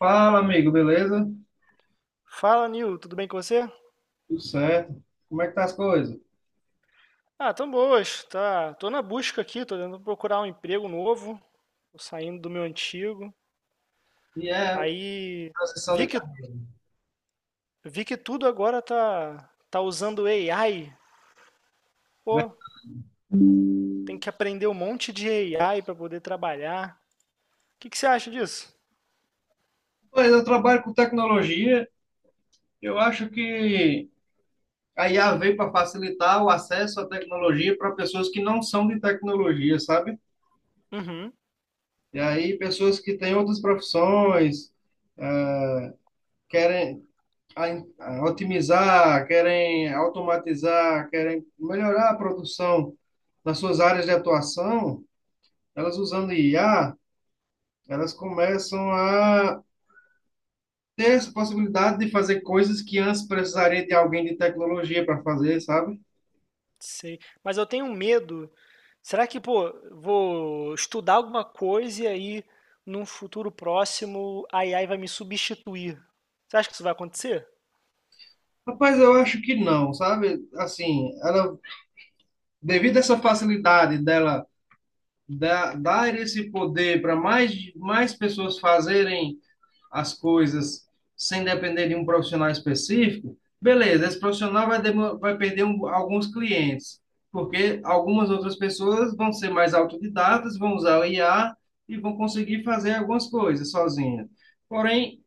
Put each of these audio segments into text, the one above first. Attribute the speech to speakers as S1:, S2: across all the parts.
S1: Fala, amigo, beleza?
S2: Fala, Nil, tudo bem com você?
S1: Tudo certo? Como é que tá as coisas?
S2: Ah, tão boas, tá. Tô na busca aqui, tô tentando procurar um emprego novo, tô saindo do meu antigo.
S1: E é
S2: Aí
S1: transição
S2: vi
S1: de
S2: que
S1: carreira.
S2: vi que tudo agora tá usando AI.
S1: Né?
S2: Pô, tem que aprender um monte de AI para poder trabalhar. O que que você acha disso?
S1: Pois eu trabalho com tecnologia, eu acho que a IA veio para facilitar o acesso à tecnologia para pessoas que não são de tecnologia, sabe?
S2: Uhum,
S1: E aí, pessoas que têm outras profissões, é, querem a otimizar, querem automatizar, querem melhorar a produção nas suas áreas de atuação, elas usando IA. Elas começam a ter essa possibilidade de fazer coisas que antes precisaria de alguém de tecnologia para fazer, sabe?
S2: sei. Mas eu tenho um medo. Será que, pô, vou estudar alguma coisa e aí num futuro próximo a AI vai me substituir? Você acha que isso vai acontecer?
S1: Rapaz, eu acho que não, sabe? Assim, ela, devido a essa facilidade dela dar esse poder para mais, mais pessoas fazerem as coisas sem depender de um profissional específico, beleza, esse profissional vai, vai perder alguns clientes, porque algumas outras pessoas vão ser mais autodidatas, vão usar o IA e vão conseguir fazer algumas coisas sozinha. Porém,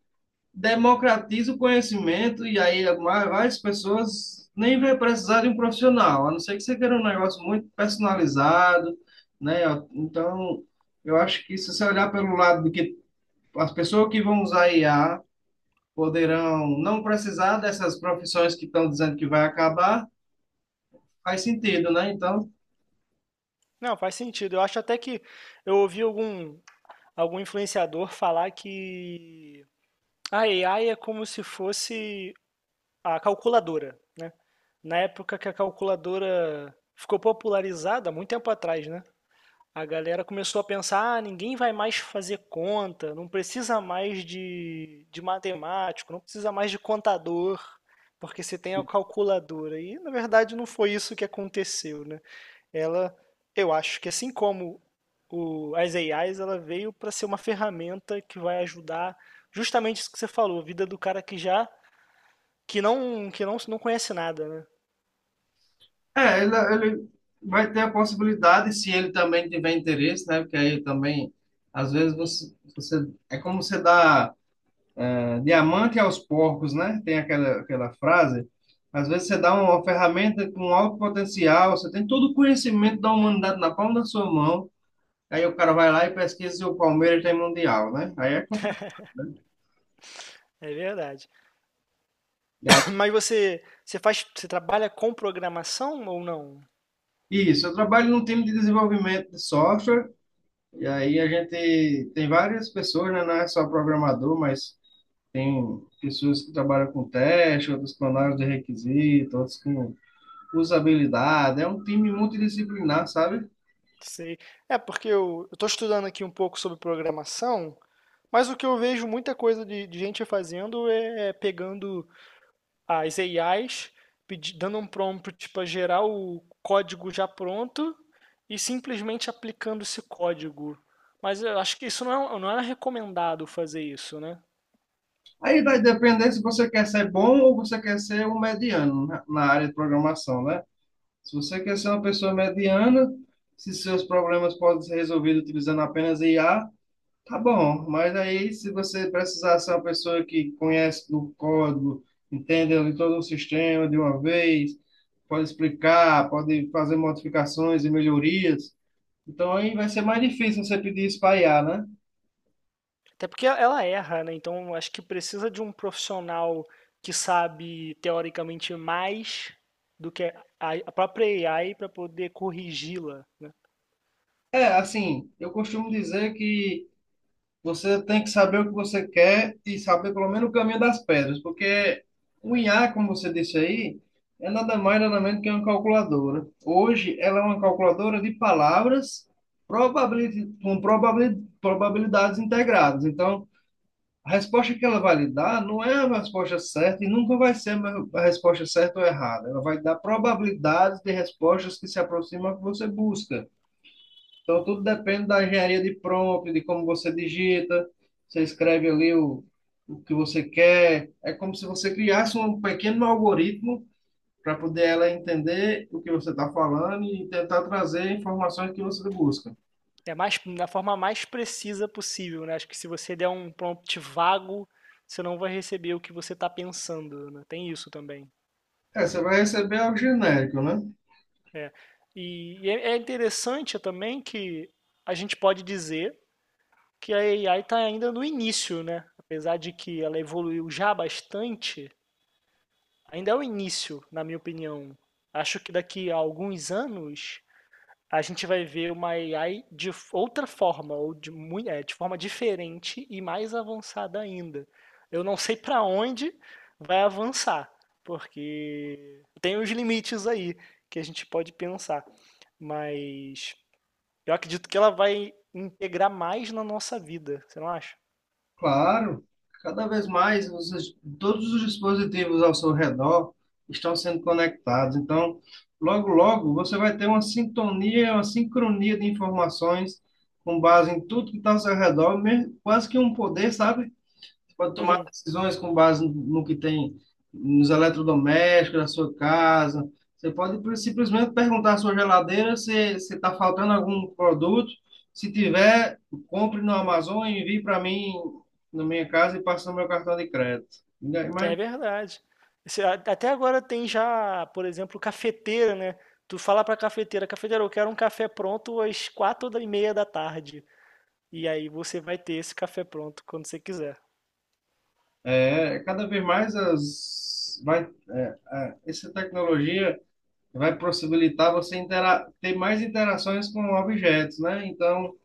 S1: democratiza o conhecimento e aí várias pessoas nem vai precisar de um profissional, a não ser que você queira um negócio muito personalizado, né? Então, eu acho que se você olhar pelo lado de que as pessoas que vão usar IA poderão não precisar dessas profissões que estão dizendo que vai acabar, faz sentido, né? Então,
S2: Não, faz sentido. Eu acho até que eu ouvi algum influenciador falar que a AI é como se fosse a calculadora, né? Na época que a calculadora ficou popularizada, muito tempo atrás, né? A galera começou a pensar, ah, ninguém vai mais fazer conta, não precisa mais de matemático, não precisa mais de contador, porque você tem a calculadora. E na verdade não foi isso que aconteceu, né? Ela, eu acho que assim como o, as AIs, ela veio para ser uma ferramenta que vai ajudar justamente isso que você falou, a vida do cara que já que não conhece nada, né?
S1: é, ele vai ter a possibilidade, se ele também tiver interesse, né? Porque aí também, às vezes, você é como você dá diamante aos porcos, né? Tem aquela frase. Às vezes você dá uma ferramenta com alto potencial, você tem todo o conhecimento da humanidade na palma da sua mão, aí o cara vai lá e pesquisa se o Palmeiras tem mundial, né? Aí é complicado, né?
S2: É verdade.
S1: E
S2: Mas você faz você trabalha com programação ou não?
S1: isso, eu trabalho num time de desenvolvimento de software, e aí a gente tem várias pessoas, né? Não é só programador, mas tem pessoas que trabalham com teste, outros com análise de requisito, outros com usabilidade. É um time multidisciplinar, sabe?
S2: Sei. É porque eu estou estudando aqui um pouco sobre programação, mas o que eu vejo muita coisa de gente fazendo é pegando as AIs pedi- dando um prompt para gerar o código já pronto e simplesmente aplicando esse código. Mas eu acho que isso não é, um, não é recomendado fazer isso, né?
S1: Aí vai depender se você quer ser bom ou você quer ser um mediano na na área de programação, né? Se você quer ser uma pessoa mediana, se seus problemas podem ser resolvidos utilizando apenas IA, tá bom, mas aí se você precisar ser uma pessoa que conhece do código, entende ali todo o sistema de uma vez, pode explicar, pode fazer modificações e melhorias, então aí vai ser mais difícil você pedir isso para IA, né?
S2: Até porque ela erra, né? Então eu acho que precisa de um profissional que sabe teoricamente mais do que a própria AI para poder corrigi-la.
S1: É, assim, eu costumo dizer que você tem que saber o que você quer e saber pelo menos o caminho das pedras, porque o IA, como você disse aí, é nada mais nada menos que uma calculadora. Hoje ela é uma calculadora de palavras probabilidades integradas. Então, a resposta que ela vai lhe dar não é a resposta certa e nunca vai ser a resposta certa ou errada. Ela vai dar probabilidades de respostas que se aproximam do que você busca. Então, tudo depende da engenharia de prompt, de como você digita, você escreve ali o que você quer. É como se você criasse um pequeno algoritmo para poder ela entender o que você está falando e tentar trazer informações que você busca.
S2: É mais da forma mais precisa possível, né? Acho que se você der um prompt vago, você não vai receber o que você está pensando, né? Tem isso também.
S1: É, você vai receber algo genérico, né?
S2: É. E é interessante também que a gente pode dizer que a AI está ainda no início, né? Apesar de que ela evoluiu já bastante, ainda é o início, na minha opinião. Acho que daqui a alguns anos a gente vai ver uma AI de outra forma, ou de forma diferente e mais avançada ainda. Eu não sei para onde vai avançar, porque tem os limites aí que a gente pode pensar, mas eu acredito que ela vai integrar mais na nossa vida, você não acha?
S1: Claro, cada vez mais todos os dispositivos ao seu redor estão sendo conectados. Então, logo, logo, você vai ter uma sintonia, uma sincronia de informações com base em tudo que está ao seu redor, quase que um poder, sabe? Pode tomar
S2: Uhum,
S1: decisões com base no no que tem nos eletrodomésticos da sua casa. Você pode simplesmente perguntar à sua geladeira se se está faltando algum produto. Se tiver, compre no Amazon e envie para mim na minha casa e passe no meu cartão de crédito. E mas
S2: é verdade. Esse- a- Até agora tem já, por exemplo, cafeteira, né? Tu fala pra cafeteira, cafeteira, eu quero um café pronto às quatro e meia da tarde. E aí você vai ter esse café pronto quando você quiser.
S1: é, cada vez mais as, vai, é, é, essa tecnologia vai possibilitar você intera ter mais interações com objetos, né? Então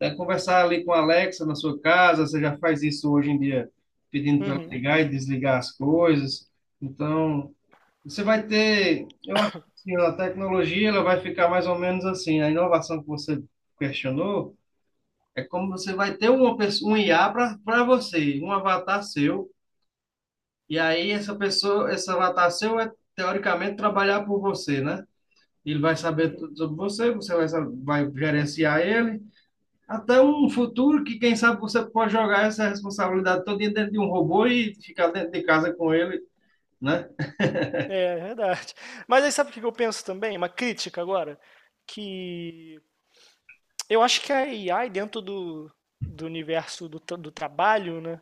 S1: né, conversar ali com a Alexa na sua casa, você já faz isso hoje em dia, pedindo para ela
S2: Uhum,
S1: ligar e desligar as coisas. Então, você vai ter, eu acho que assim, a tecnologia ela vai ficar mais ou menos assim, a inovação que você questionou é como você vai ter uma pessoa, um IA para você, um avatar seu, e aí essa pessoa, esse avatar seu é teoricamente trabalhar por você, né? Ele vai saber
S2: uhum.
S1: tudo sobre você, você vai, vai gerenciar ele, até um futuro que, quem sabe, você pode jogar essa responsabilidade toda dentro de um robô e ficar dentro de casa com ele, né?
S2: É, é verdade. Mas aí sabe o que que eu penso também? Uma crítica agora? Que eu acho que a AI dentro do, do universo do, tra- do trabalho, né?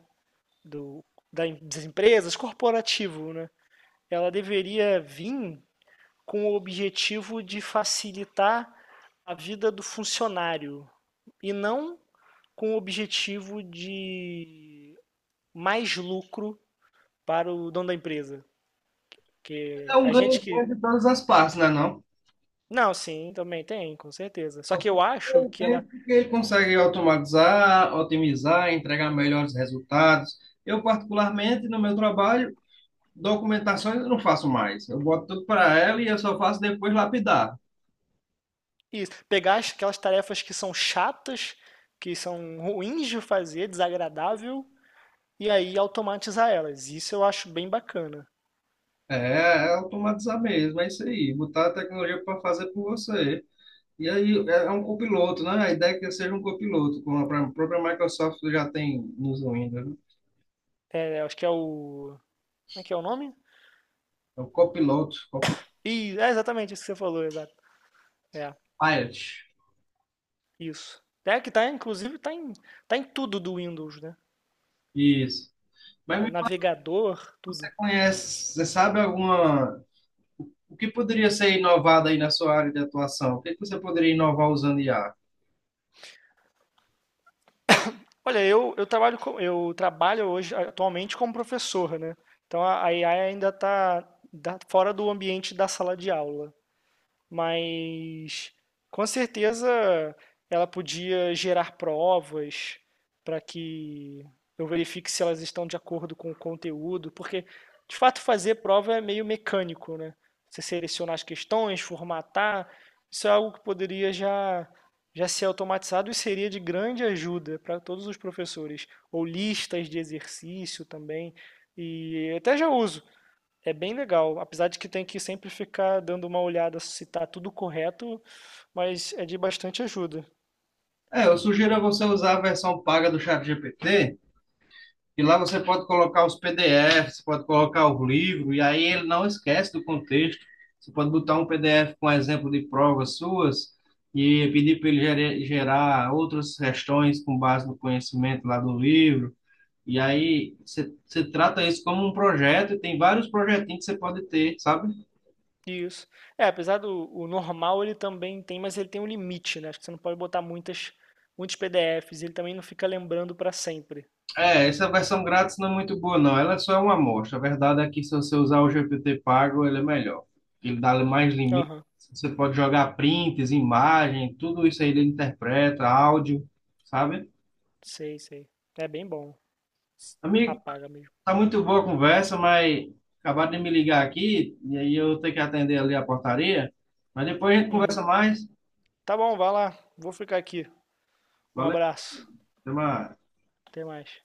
S2: Do, da em- das empresas, corporativo, né? Ela deveria vir com o objetivo de facilitar a vida do funcionário e não com o objetivo de mais lucro para o dono da empresa.
S1: É
S2: Que
S1: um
S2: a
S1: ganho
S2: gente que.
S1: grande de todas as partes, né, não?
S2: Não, sim, também tem, com certeza. Só que eu acho
S1: Pelo
S2: que ela.
S1: tempo que ele consegue automatizar, otimizar, entregar melhores resultados. Eu, particularmente, no meu trabalho, documentações eu não faço mais. Eu boto tudo para ela e eu só faço depois lapidar.
S2: Isso, pegar as- aquelas tarefas que são chatas, que são ruins de fazer, desagradável, e aí automatizar elas. Isso eu acho bem bacana.
S1: É, é automatizar mesmo, é isso aí. Botar a tecnologia para fazer por você. E aí é é um copiloto, né? A ideia é que seja um copiloto, como a própria Microsoft já tem nos Windows, né?
S2: É, acho que é o. Como é que é o nome?
S1: É o copiloto, copilot.
S2: E é exatamente isso que você falou, exato. É, isso. É que tá, inclusive, tá em tudo do Windows, né?
S1: Isso. Mas
S2: Ba-
S1: me fala,
S2: Navegador,
S1: você
S2: tudo.
S1: conhece, você sabe alguma. O que poderia ser inovado aí na sua área de atuação? O que que você poderia inovar usando IA?
S2: Olha, eu trabalho com, eu trabalho hoje atualmente como professor, né? Então a AI ainda está fora do ambiente da sala de aula, mas com certeza ela podia gerar provas para que eu verifique se elas estão de acordo com o conteúdo, porque de fato fazer prova é meio mecânico, né? Você selecionar as questões, formatar, isso é algo que poderia já ser automatizado e seria de grande ajuda para todos os professores, ou listas de exercício também. E até já uso. É bem legal, apesar de que tem que sempre ficar dando uma olhada se tá tudo correto, mas é de bastante ajuda.
S1: É, eu sugiro a você usar a versão paga do ChatGPT, e lá você pode colocar os PDFs, você pode colocar o livro, e aí ele não esquece do contexto. Você pode botar um PDF com exemplo de provas suas e pedir para ele gerar outras questões com base no conhecimento lá do livro. E aí você trata isso como um projeto, e tem vários projetinhos que você pode ter, sabe?
S2: Isso. É, apesar do o normal ele também tem, mas ele tem um limite, né? Acho que você não pode botar muitas, muitos PDFs, ele também não fica lembrando para sempre.
S1: É, essa versão grátis não é muito boa, não. Ela só é uma amostra. A verdade é que se você usar o GPT pago, ele é melhor. Ele dá mais limites.
S2: Aham,
S1: Você pode jogar prints, imagem, tudo isso aí ele interpreta, áudio, sabe?
S2: sei, sei. É bem bom.
S1: Amigo,
S2: Apaga mesmo.
S1: tá muito boa a conversa, mas acabaram de me ligar aqui, e aí eu tenho que atender ali a portaria. Mas depois a gente
S2: Uhum.
S1: conversa mais.
S2: Tá bom, vai lá. Vou ficar aqui. Um
S1: Valeu,
S2: abraço.
S1: até mais.
S2: Até mais.